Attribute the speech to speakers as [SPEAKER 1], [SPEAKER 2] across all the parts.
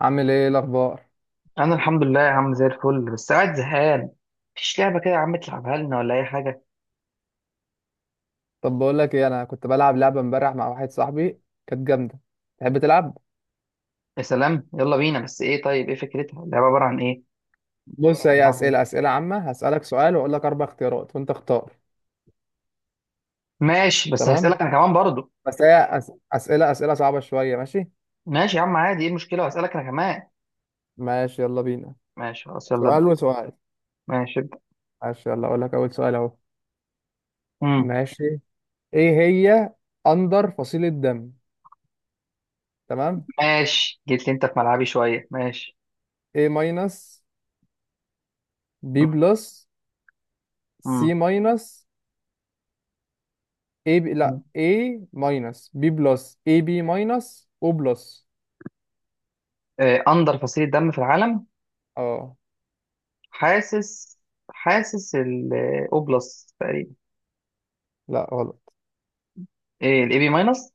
[SPEAKER 1] عامل ايه الاخبار؟
[SPEAKER 2] انا الحمد لله يا عم زي الفل، بس قاعد زهقان. مفيش لعبه كده يا عم تلعبها لنا ولا اي حاجه؟
[SPEAKER 1] طب بقول لك ايه، انا كنت بلعب لعبه امبارح مع واحد صاحبي، كانت جامده. تحب تلعب؟
[SPEAKER 2] يا سلام، يلا بينا. بس ايه؟ طيب ايه فكرتها؟ اللعبه عباره عن ايه؟
[SPEAKER 1] بص، هي
[SPEAKER 2] هنلعب ايه؟
[SPEAKER 1] اسئله عامه. هسالك سؤال واقول لك اربع اختيارات وانت اختار.
[SPEAKER 2] ماشي، بس
[SPEAKER 1] تمام،
[SPEAKER 2] هسالك انا كمان برضو.
[SPEAKER 1] بس هي أس... اسئله اسئله صعبه شويه، ماشي؟
[SPEAKER 2] ماشي يا عم، عادي، ايه المشكله؟ هسالك انا كمان.
[SPEAKER 1] ماشي يلا بينا.
[SPEAKER 2] ماشي خلاص، يلا
[SPEAKER 1] سؤال
[SPEAKER 2] ابدا.
[SPEAKER 1] وسؤال.
[SPEAKER 2] ماشي، ابدا.
[SPEAKER 1] ماشي يلا، اقول لك اول سؤال اهو.
[SPEAKER 2] امم
[SPEAKER 1] ماشي، ايه هي اندر فصيله دم؟ تمام.
[SPEAKER 2] ماشي، جيت لي انت في ملعبي شويه. ماشي.
[SPEAKER 1] A ماينس، B بلس، C
[SPEAKER 2] امم
[SPEAKER 1] ماينس، A ب... لا
[SPEAKER 2] امم
[SPEAKER 1] A ماينس، B بلس، AB ماينس، O بلس.
[SPEAKER 2] آه، اندر فصيله دم في العالم.
[SPEAKER 1] اه.
[SPEAKER 2] حاسس. حاسس الاو بلس تقريبا.
[SPEAKER 1] لا غلط.
[SPEAKER 2] ايه الاي بي ماينس.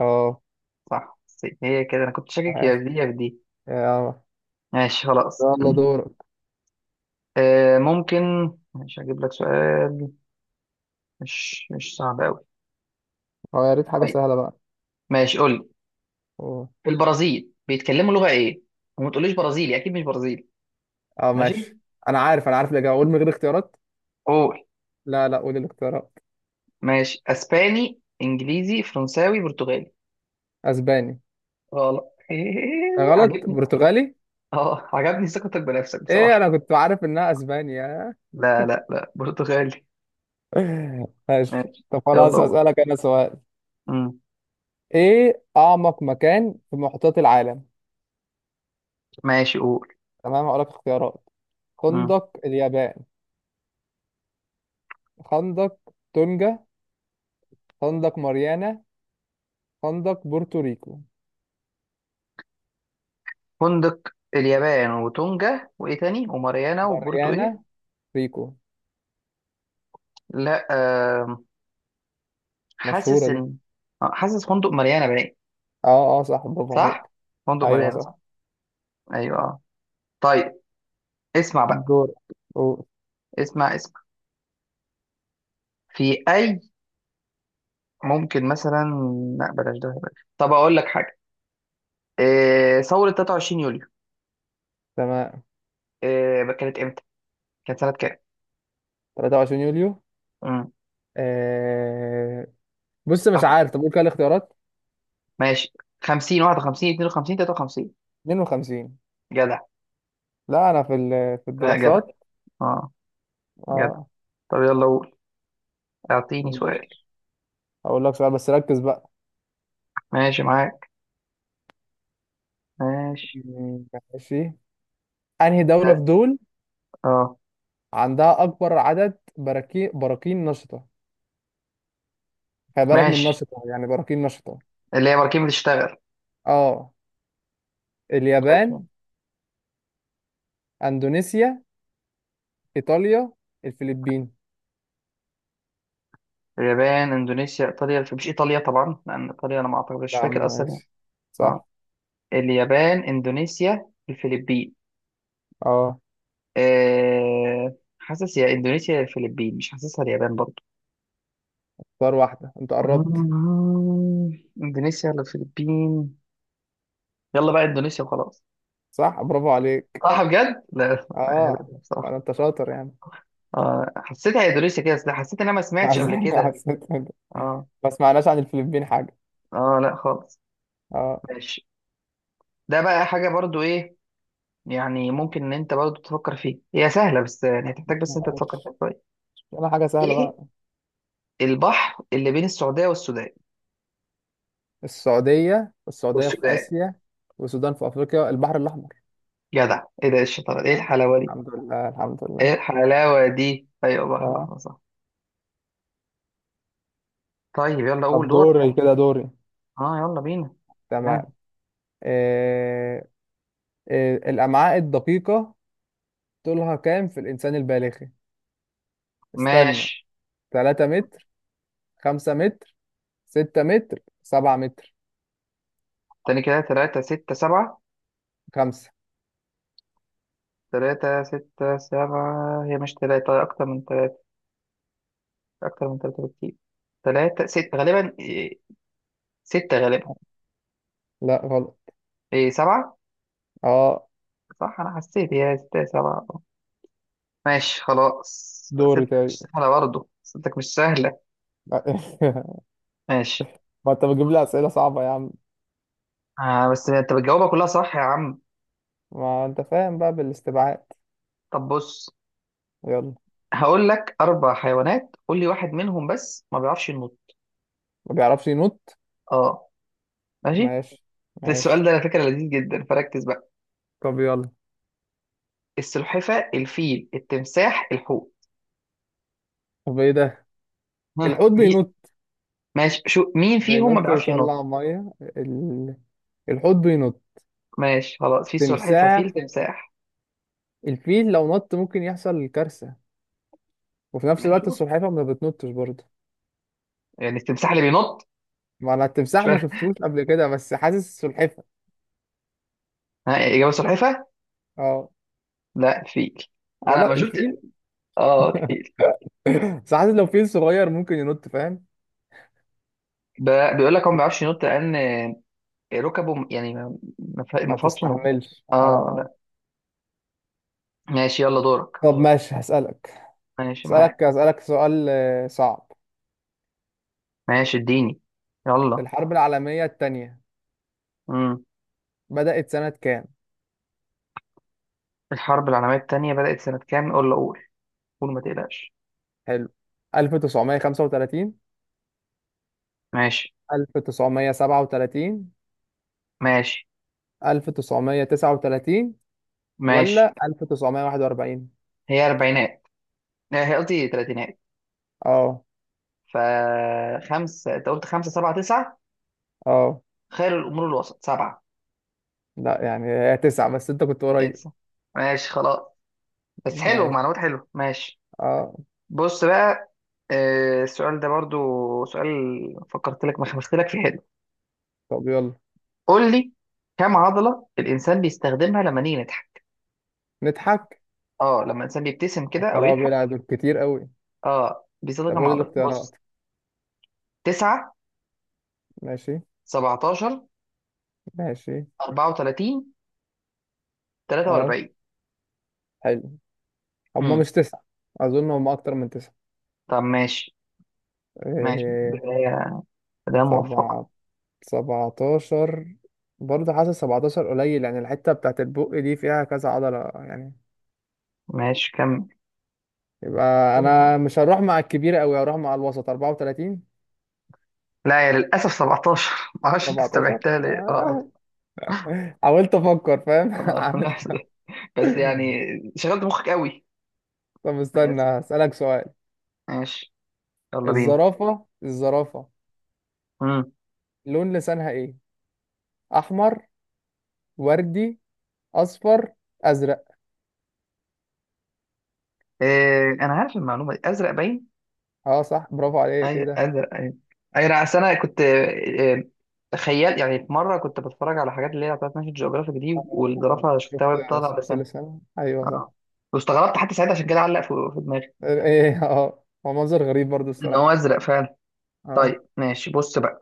[SPEAKER 1] اه
[SPEAKER 2] صح، سي. هي كده، انا كنت شاكك يا في
[SPEAKER 1] ماشي.
[SPEAKER 2] دي يا في دي.
[SPEAKER 1] اه
[SPEAKER 2] ماشي خلاص.
[SPEAKER 1] يلا دورك.
[SPEAKER 2] ممكن. مش هجيب لك سؤال مش صعب قوي.
[SPEAKER 1] أو يا ريت حاجة
[SPEAKER 2] طيب.
[SPEAKER 1] سهلة بقى.
[SPEAKER 2] ماشي، قول لي.
[SPEAKER 1] أوه.
[SPEAKER 2] في البرازيل بيتكلموا لغة ايه؟ وما تقوليش برازيلي، اكيد مش برازيلي.
[SPEAKER 1] اه
[SPEAKER 2] ماشي.
[SPEAKER 1] ماشي. انا عارف، انا عارف الاجابه، اقول من غير اختيارات؟
[SPEAKER 2] قول.
[SPEAKER 1] لا لا، قول الاختيارات.
[SPEAKER 2] ماشي، اسباني، انجليزي، فرنساوي، برتغالي.
[SPEAKER 1] اسباني.
[SPEAKER 2] غلط.
[SPEAKER 1] غلط،
[SPEAKER 2] عجبني.
[SPEAKER 1] برتغالي.
[SPEAKER 2] اه، عجبني ثقتك بنفسك
[SPEAKER 1] ايه،
[SPEAKER 2] بصراحة.
[SPEAKER 1] انا كنت عارف انها اسبانيا.
[SPEAKER 2] لا، برتغالي.
[SPEAKER 1] ماشي
[SPEAKER 2] ماشي،
[SPEAKER 1] طب
[SPEAKER 2] يلا
[SPEAKER 1] خلاص،
[SPEAKER 2] قول.
[SPEAKER 1] هسألك انا سؤال.
[SPEAKER 2] مم.
[SPEAKER 1] ايه اعمق مكان في محيطات العالم؟
[SPEAKER 2] ماشي، قول.
[SPEAKER 1] تمام هقول لك اختيارات.
[SPEAKER 2] مم.
[SPEAKER 1] خندق اليابان، خندق تونجا، خندق ماريانا، خندق بورتوريكو.
[SPEAKER 2] فندق. اليابان وتونجا وايه تاني وماريانا وبورتو ايه؟
[SPEAKER 1] ماريانا ريكو.
[SPEAKER 2] لا، حاسس
[SPEAKER 1] مشهورة دي.
[SPEAKER 2] ان حاسس فندق مليانه باين.
[SPEAKER 1] اه اه، صح برافو
[SPEAKER 2] صح،
[SPEAKER 1] عليك.
[SPEAKER 2] فندق
[SPEAKER 1] ايوه
[SPEAKER 2] مليانه صح.
[SPEAKER 1] صح.
[SPEAKER 2] ايوه، آه. طيب، اسمع بقى.
[SPEAKER 1] دور. أوه.
[SPEAKER 2] اسمع. في اي، ممكن مثلا، لا بلاش، ده بلاش. طب اقول لك حاجه، إيه ثوره 23 يوليو؟
[SPEAKER 1] تمام.
[SPEAKER 2] إيه كانت امتى؟ كانت سنه كام؟
[SPEAKER 1] 23 يوليو.
[SPEAKER 2] امم
[SPEAKER 1] آه... بص مش
[SPEAKER 2] آه،
[SPEAKER 1] عارف، طب قول كده الاختيارات.
[SPEAKER 2] ماشي، 50، 51، 52، 53.
[SPEAKER 1] 52.
[SPEAKER 2] جدع.
[SPEAKER 1] لا انا في في
[SPEAKER 2] لا، جدع.
[SPEAKER 1] الدراسات.
[SPEAKER 2] اه، جدع.
[SPEAKER 1] اه.
[SPEAKER 2] طب يلا، قول، اعطيني سؤال.
[SPEAKER 1] ماشي، هقول لك سؤال بس ركز بقى.
[SPEAKER 2] ماشي، معاك. ماشي.
[SPEAKER 1] م- ماشي. انهي دولة في
[SPEAKER 2] اه،
[SPEAKER 1] دول
[SPEAKER 2] آه.
[SPEAKER 1] عندها اكبر عدد براكين نشطة؟ خلي بالك من
[SPEAKER 2] ماشي،
[SPEAKER 1] نشطة، يعني براكين نشطة.
[SPEAKER 2] اللي هي مركبة بتشتغل.
[SPEAKER 1] اه، اليابان، اندونيسيا، ايطاليا، الفلبين.
[SPEAKER 2] اليابان، اندونيسيا، ايطاليا. مش ايطاليا طبعا، لان ايطاليا انا ما اعتقد، مش
[SPEAKER 1] لا
[SPEAKER 2] فاكر اصلا يعني.
[SPEAKER 1] ماشي،
[SPEAKER 2] اه،
[SPEAKER 1] صح.
[SPEAKER 2] اليابان، اندونيسيا، الفلبين.
[SPEAKER 1] اه.
[SPEAKER 2] أه... حاسس يا اندونيسيا يا الفلبين، مش حاسسها اليابان برضو.
[SPEAKER 1] اختار واحدة، انت
[SPEAKER 2] مم.
[SPEAKER 1] قربت.
[SPEAKER 2] اندونيسيا ولا الفلبين؟ يلا بقى اندونيسيا وخلاص.
[SPEAKER 1] صح برافو عليك.
[SPEAKER 2] صح بجد، لا لا،
[SPEAKER 1] اه،
[SPEAKER 2] هبل بصراحه.
[SPEAKER 1] انا انت شاطر يعني.
[SPEAKER 2] آه، حسيتها اندونيسيا كده، أصل حسيت ان انا ما سمعتش قبل
[SPEAKER 1] حسيت
[SPEAKER 2] كده.
[SPEAKER 1] حسيت كده.
[SPEAKER 2] اه،
[SPEAKER 1] ما سمعناش عن الفلبين حاجة.
[SPEAKER 2] اه، لا خالص.
[SPEAKER 1] اه
[SPEAKER 2] ماشي. ده بقى حاجه برضو، ايه ممكن ان انت برضه تفكر فيه، هي سهله بس يعني هتحتاج بس انت تفكر
[SPEAKER 1] ماشي.
[SPEAKER 2] فيها شويه.
[SPEAKER 1] انا حاجة سهلة بقى.
[SPEAKER 2] ايه البحر اللي بين السعوديه والسودان؟
[SPEAKER 1] السعودية، والسعودية في
[SPEAKER 2] والسودان.
[SPEAKER 1] آسيا، والسودان في أفريقيا، البحر الأحمر.
[SPEAKER 2] جدع، ايه ده، إيه الشطاره، ايه
[SPEAKER 1] ها.
[SPEAKER 2] الحلاوه دي؟
[SPEAKER 1] الحمد لله الحمد لله.
[SPEAKER 2] ايه الحلاوه دي، ايوه، بحر
[SPEAKER 1] اه،
[SPEAKER 2] الاحمر صح. طيب، يلا قول،
[SPEAKER 1] طب
[SPEAKER 2] دورك.
[SPEAKER 1] دوري كده، دوري.
[SPEAKER 2] اه، يلا بينا.
[SPEAKER 1] تمام.
[SPEAKER 2] آه.
[SPEAKER 1] إيه، إيه الأمعاء الدقيقة طولها كام في الإنسان البالغي؟ استنى.
[SPEAKER 2] ماشي،
[SPEAKER 1] 3 متر، 5 متر، 6 متر، 7 متر.
[SPEAKER 2] تاني كده، تلاتة، ستة، سبعة.
[SPEAKER 1] 5.
[SPEAKER 2] تلاتة ستة سبعة، هي مش تلاتة، أكتر من تلاتة، أكتر من تلاتة بكتير. تلاتة ستة غالبا، إيه، ستة غالبا.
[SPEAKER 1] لا غلط.
[SPEAKER 2] إيه، سبعة.
[SPEAKER 1] اه
[SPEAKER 2] صح، أنا حسيت هي ستة سبعة. ماشي خلاص.
[SPEAKER 1] دوري
[SPEAKER 2] أسئلتك
[SPEAKER 1] طيب.
[SPEAKER 2] مش سهلة برضه، أسئلتك مش سهلة. ماشي.
[SPEAKER 1] ما انت بتجيب لي
[SPEAKER 2] بص،
[SPEAKER 1] اسئله صعبه يا عم.
[SPEAKER 2] آه، بس أنت بتجاوبها كلها صح يا عم.
[SPEAKER 1] ما انت فاهم بقى، بالاستبعاد.
[SPEAKER 2] طب بص،
[SPEAKER 1] يلا.
[SPEAKER 2] هقول لك أربع حيوانات، قول لي واحد منهم بس ما بيعرفش ينط.
[SPEAKER 1] ما بيعرفش ينط.
[SPEAKER 2] أه. ماشي.
[SPEAKER 1] ماشي
[SPEAKER 2] السؤال
[SPEAKER 1] ماشي،
[SPEAKER 2] ده على فكرة لذيذ جدا، فركز بقى.
[SPEAKER 1] طب يلا.
[SPEAKER 2] السلحفة، الفيل، التمساح، الحوت.
[SPEAKER 1] طب ايه ده؟
[SPEAKER 2] ها،
[SPEAKER 1] الحوت
[SPEAKER 2] مين؟
[SPEAKER 1] بينط.
[SPEAKER 2] ماشي، شو مين فيهم ما
[SPEAKER 1] بينط
[SPEAKER 2] بيعرفش ينط؟
[SPEAKER 1] يطلع ميه الحوت بينط.
[SPEAKER 2] ماشي خلاص، في سلحفة، فيل،
[SPEAKER 1] تمساح.
[SPEAKER 2] تمساح.
[SPEAKER 1] الفيل لو نط ممكن يحصل كارثه، وفي نفس
[SPEAKER 2] ماشي،
[SPEAKER 1] الوقت
[SPEAKER 2] شوف.
[SPEAKER 1] السلحفاه ما بتنطش برضه.
[SPEAKER 2] يعني التمساح اللي بينط؟
[SPEAKER 1] ما انا
[SPEAKER 2] مش
[SPEAKER 1] التمساح ما
[SPEAKER 2] فاهم.
[SPEAKER 1] شفتوش قبل كده، بس حاسس السلحفاه.
[SPEAKER 2] ها، إجابة سلحفة.
[SPEAKER 1] اه
[SPEAKER 2] لا، الفيل. أنا
[SPEAKER 1] غلط،
[SPEAKER 2] ما شفت.
[SPEAKER 1] الفيل.
[SPEAKER 2] اه، الفيل.
[SPEAKER 1] بس حاسس لو فيل صغير ممكن ينط، فاهم.
[SPEAKER 2] ب- بيقول لك هو ما بيعرفش ينط لان ركبه م- يعني ما- ما-
[SPEAKER 1] ما
[SPEAKER 2] مفاصله م-.
[SPEAKER 1] تستحملش. اه
[SPEAKER 2] اه لا. ماشي، يلا دورك.
[SPEAKER 1] طب ماشي، هسألك
[SPEAKER 2] ماشي،
[SPEAKER 1] هسألك
[SPEAKER 2] معاك.
[SPEAKER 1] هسألك سؤال صعب.
[SPEAKER 2] ماشي، اديني، يلا.
[SPEAKER 1] الحرب العالمية التانية
[SPEAKER 2] امم
[SPEAKER 1] بدأت سنة كام؟
[SPEAKER 2] الحرب العالميه الثانيه بدات سنه كام؟ قول، اقول، قول، ما تقلقش.
[SPEAKER 1] حلو. 1935،
[SPEAKER 2] ماشي.
[SPEAKER 1] 1937،
[SPEAKER 2] ماشي.
[SPEAKER 1] 1939،
[SPEAKER 2] ماشي.
[SPEAKER 1] ولا 1941.
[SPEAKER 2] هي اربعينات، لا، هي قصدي تلاتينات.
[SPEAKER 1] اه.
[SPEAKER 2] ف خمسة، انت قلت خمسة، سبعة، تسعة.
[SPEAKER 1] اه
[SPEAKER 2] خير الامور الوسط، سبعة.
[SPEAKER 1] لا، يعني هي تسعة، بس انت كنت
[SPEAKER 2] إيه،
[SPEAKER 1] قريب.
[SPEAKER 2] تسعة. ماشي خلاص. بس حلو،
[SPEAKER 1] ماشي.
[SPEAKER 2] معلومات حلوه. ماشي.
[SPEAKER 1] اه.
[SPEAKER 2] بص بقى، السؤال ده برضو سؤال فكرت لك ما خمست لك في حلو.
[SPEAKER 1] طب يلا.
[SPEAKER 2] قول لي، كم عضلة الإنسان بيستخدمها لما نيجي نضحك؟
[SPEAKER 1] نضحك.
[SPEAKER 2] اه، لما الإنسان بيبتسم
[SPEAKER 1] يا
[SPEAKER 2] كده أو
[SPEAKER 1] خرابي،
[SPEAKER 2] يضحك.
[SPEAKER 1] لا دول كتير قوي.
[SPEAKER 2] اه، بيستخدم
[SPEAKER 1] طب
[SPEAKER 2] كم
[SPEAKER 1] قول
[SPEAKER 2] عضلة،
[SPEAKER 1] الاختيارات.
[SPEAKER 2] بص. 9،
[SPEAKER 1] ماشي
[SPEAKER 2] 17،
[SPEAKER 1] ماشي.
[SPEAKER 2] 34،
[SPEAKER 1] اه
[SPEAKER 2] 43.
[SPEAKER 1] حلو. هم
[SPEAKER 2] امم
[SPEAKER 1] مش تسعة. أظن هم أكتر من تسعة.
[SPEAKER 2] طب ماشي. ماشي،
[SPEAKER 1] إيه،
[SPEAKER 2] بداية، بداية موفقة.
[SPEAKER 1] سبعة، سبعتاشر، برضه حاسس سبعتاشر قليل، يعني الحتة بتاعت البق دي فيها كذا عضلة يعني.
[SPEAKER 2] ماشي، كمل.
[SPEAKER 1] يبقى أنا مش هروح مع الكبيرة أوي، هروح مع الوسط، أربعة وتلاتين.
[SPEAKER 2] لا يا للأسف، 17. ما اعرفش انت
[SPEAKER 1] سبعتاشر.
[SPEAKER 2] استبعدتها ليه؟ اه،
[SPEAKER 1] حاولت أفكر فاهم.
[SPEAKER 2] اه، آه.
[SPEAKER 1] عملت.
[SPEAKER 2] بس يعني، شغلت مخك قوي.
[SPEAKER 1] طب استنى
[SPEAKER 2] ماشي.
[SPEAKER 1] أسألك سؤال.
[SPEAKER 2] ماشي. يلا بينا.
[SPEAKER 1] الزرافة الزرافة
[SPEAKER 2] امم
[SPEAKER 1] لون لسانها إيه؟ أحمر، وردي، أصفر، أزرق.
[SPEAKER 2] إيه، انا عارف المعلومه دي، ازرق باين.
[SPEAKER 1] أه صح برافو عليك
[SPEAKER 2] اي،
[SPEAKER 1] كده.
[SPEAKER 2] ازرق، اي. أي، انا أصل انا كنت إيه، تخيل يعني، في مره كنت بتفرج على حاجات اللي هي بتاعت ناشونال جيوغرافيك دي، والزرافه شفتها
[SPEAKER 1] شفت،
[SPEAKER 2] وهي بتطلع
[SPEAKER 1] شفت
[SPEAKER 2] لسانها.
[SPEAKER 1] اللسان، ايوه صح.
[SPEAKER 2] اه، واستغربت حتى ساعتها، عشان كده علق في، في دماغي
[SPEAKER 1] ايه إيه، اه هو منظر غريب برضو
[SPEAKER 2] ان هو
[SPEAKER 1] الصراحه.
[SPEAKER 2] ازرق فعلا.
[SPEAKER 1] اه.
[SPEAKER 2] طيب، ماشي، بص بقى.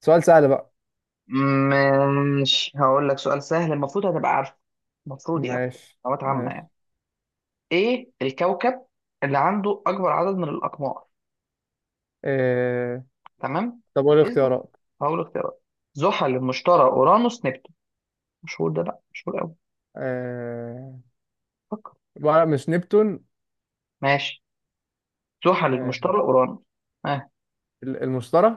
[SPEAKER 1] سؤال سهل بقى.
[SPEAKER 2] ماشي، هقول لك سؤال سهل، المفروض هتبقى عارفه، المفروض يعني،
[SPEAKER 1] ماشي
[SPEAKER 2] معلومات عامه
[SPEAKER 1] ماشي.
[SPEAKER 2] يعني. ايه الكوكب اللي عنده اكبر عدد من الاقمار؟
[SPEAKER 1] إيه...
[SPEAKER 2] تمام،
[SPEAKER 1] طب وايه
[SPEAKER 2] اسلك،
[SPEAKER 1] الاختيارات؟
[SPEAKER 2] هقول اختيارات: زحل، المشتري، اورانوس، نبتون. مشهور ده، لا مشهور قوي.
[SPEAKER 1] إيه...
[SPEAKER 2] فكر.
[SPEAKER 1] بقى مش نبتون.
[SPEAKER 2] ماشي، زحل،
[SPEAKER 1] إيه...
[SPEAKER 2] المشتري، اورانوس. اه.
[SPEAKER 1] المشتري.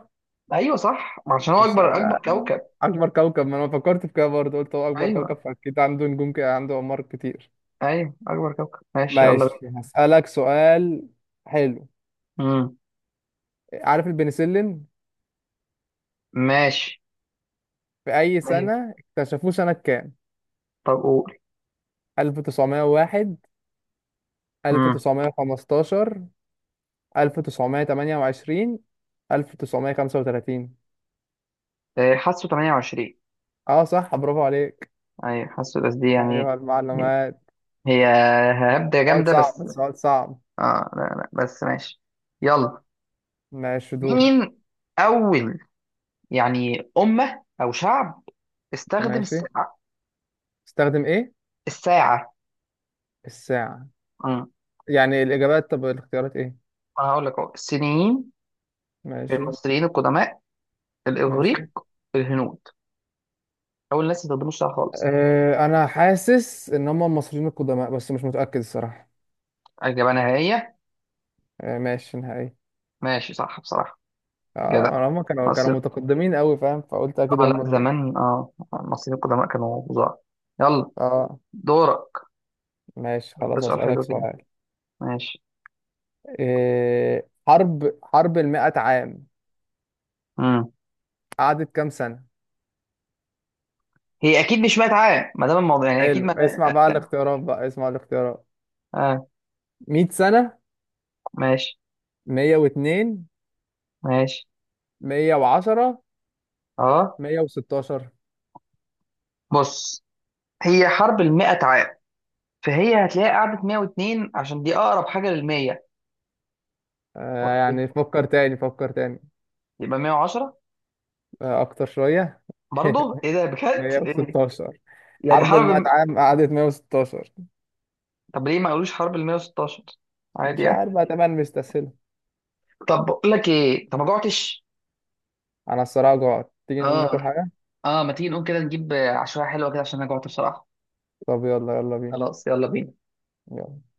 [SPEAKER 2] ايوه صح، عشان هو
[SPEAKER 1] بس
[SPEAKER 2] اكبر
[SPEAKER 1] انا،
[SPEAKER 2] اكبر كوكب.
[SPEAKER 1] اكبر كوكب، ما انا فكرت في كده برضه، قلت هو اكبر كوكب
[SPEAKER 2] ايوه،
[SPEAKER 1] فاكيد عنده نجوم كده، عنده اقمار كتير.
[SPEAKER 2] ايوه اكبر كوكب. ماشي، يلا
[SPEAKER 1] ماشي
[SPEAKER 2] بينا.
[SPEAKER 1] هسألك سؤال. حلو.
[SPEAKER 2] امم
[SPEAKER 1] عارف البنسلين؟
[SPEAKER 2] ماشي.
[SPEAKER 1] في اي
[SPEAKER 2] ايوه،
[SPEAKER 1] سنه اكتشفوه، سنه كام؟
[SPEAKER 2] طب قول.
[SPEAKER 1] 1901،
[SPEAKER 2] امم
[SPEAKER 1] 1915، 1928، 1935.
[SPEAKER 2] حاسه 28.
[SPEAKER 1] اه صح برافو عليك.
[SPEAKER 2] ايوه، حاسه بس دي يعني،
[SPEAKER 1] ايوه المعلومات.
[SPEAKER 2] هي هبدة
[SPEAKER 1] سؤال
[SPEAKER 2] جامدة بس.
[SPEAKER 1] صعب سؤال صعب.
[SPEAKER 2] اه لا لا، بس ماشي. يلا،
[SPEAKER 1] ماشي دور.
[SPEAKER 2] مين اول يعني امة او شعب استخدم
[SPEAKER 1] ماشي.
[SPEAKER 2] الساعة؟
[SPEAKER 1] استخدم ايه؟
[SPEAKER 2] الساعة.
[SPEAKER 1] الساعة.
[SPEAKER 2] امم
[SPEAKER 1] يعني الاجابات، طب الاختيارات ايه؟
[SPEAKER 2] انا هقول لك اهو، الصينيين،
[SPEAKER 1] ماشي
[SPEAKER 2] المصريين القدماء، الاغريق،
[SPEAKER 1] ماشي.
[SPEAKER 2] الهنود. اول ناس ما استخدموش الساعة خالص.
[SPEAKER 1] أه انا حاسس ان هم المصريين القدماء، بس مش متأكد الصراحة.
[SPEAKER 2] اجابة نهائية.
[SPEAKER 1] أه ماشي نهائي.
[SPEAKER 2] ماشي، صح بصراحة. جدع،
[SPEAKER 1] اه هم كانوا
[SPEAKER 2] مصر،
[SPEAKER 1] متقدمين قوي، فاهم؟ فقلت اكيد
[SPEAKER 2] اه لا
[SPEAKER 1] هم دول.
[SPEAKER 2] زمان، اه المصريين القدماء كانوا فظاع. يلا،
[SPEAKER 1] اه
[SPEAKER 2] دورك.
[SPEAKER 1] ماشي
[SPEAKER 2] ده
[SPEAKER 1] خلاص
[SPEAKER 2] سؤال
[SPEAKER 1] اسألك
[SPEAKER 2] حلو كده.
[SPEAKER 1] سؤال.
[SPEAKER 2] ماشي.
[SPEAKER 1] حرب المئة عام
[SPEAKER 2] امم
[SPEAKER 1] قعدت كام سنة؟
[SPEAKER 2] هي اكيد مش 100 عام، ما دام الموضوع يعني اكيد
[SPEAKER 1] حلو
[SPEAKER 2] ما.
[SPEAKER 1] اسمع بقى الاختيارات، بقى اسمع الاختيارات.
[SPEAKER 2] اه،
[SPEAKER 1] 100 سنة،
[SPEAKER 2] ماشي.
[SPEAKER 1] 102،
[SPEAKER 2] ماشي.
[SPEAKER 1] 110،
[SPEAKER 2] اه،
[SPEAKER 1] 116.
[SPEAKER 2] بص، هي حرب ال 100، فهي هتلاقيها قعدت 102، عشان دي اقرب حاجه لل 100.
[SPEAKER 1] آه
[SPEAKER 2] ولا ايه؟
[SPEAKER 1] يعني فكر تاني فكر تاني.
[SPEAKER 2] يبقى 110.
[SPEAKER 1] آه أكتر شوية.
[SPEAKER 2] برضه ايه ده بجد، إيه؟
[SPEAKER 1] 116.
[SPEAKER 2] يعني
[SPEAKER 1] حرب
[SPEAKER 2] حرب
[SPEAKER 1] المئة
[SPEAKER 2] الم-.
[SPEAKER 1] عام قعدت 116.
[SPEAKER 2] طب ليه ما قالوش حرب ال 116؟ عادي
[SPEAKER 1] مش
[SPEAKER 2] يعني.
[SPEAKER 1] عارف بقى، تمام مستسهلة.
[SPEAKER 2] طب بقول لك ايه، انت ما جوعتش؟
[SPEAKER 1] أنا الصراحة جوعت، تيجي نقوم ناكل
[SPEAKER 2] اه.
[SPEAKER 1] حاجة؟
[SPEAKER 2] اه، ما تيجي نقوم كده نجيب عشوائيه حلوه كده، عشان انا جوعت بصراحه.
[SPEAKER 1] طب يلا، يلا بينا.
[SPEAKER 2] خلاص، يلا بينا.
[SPEAKER 1] يلا.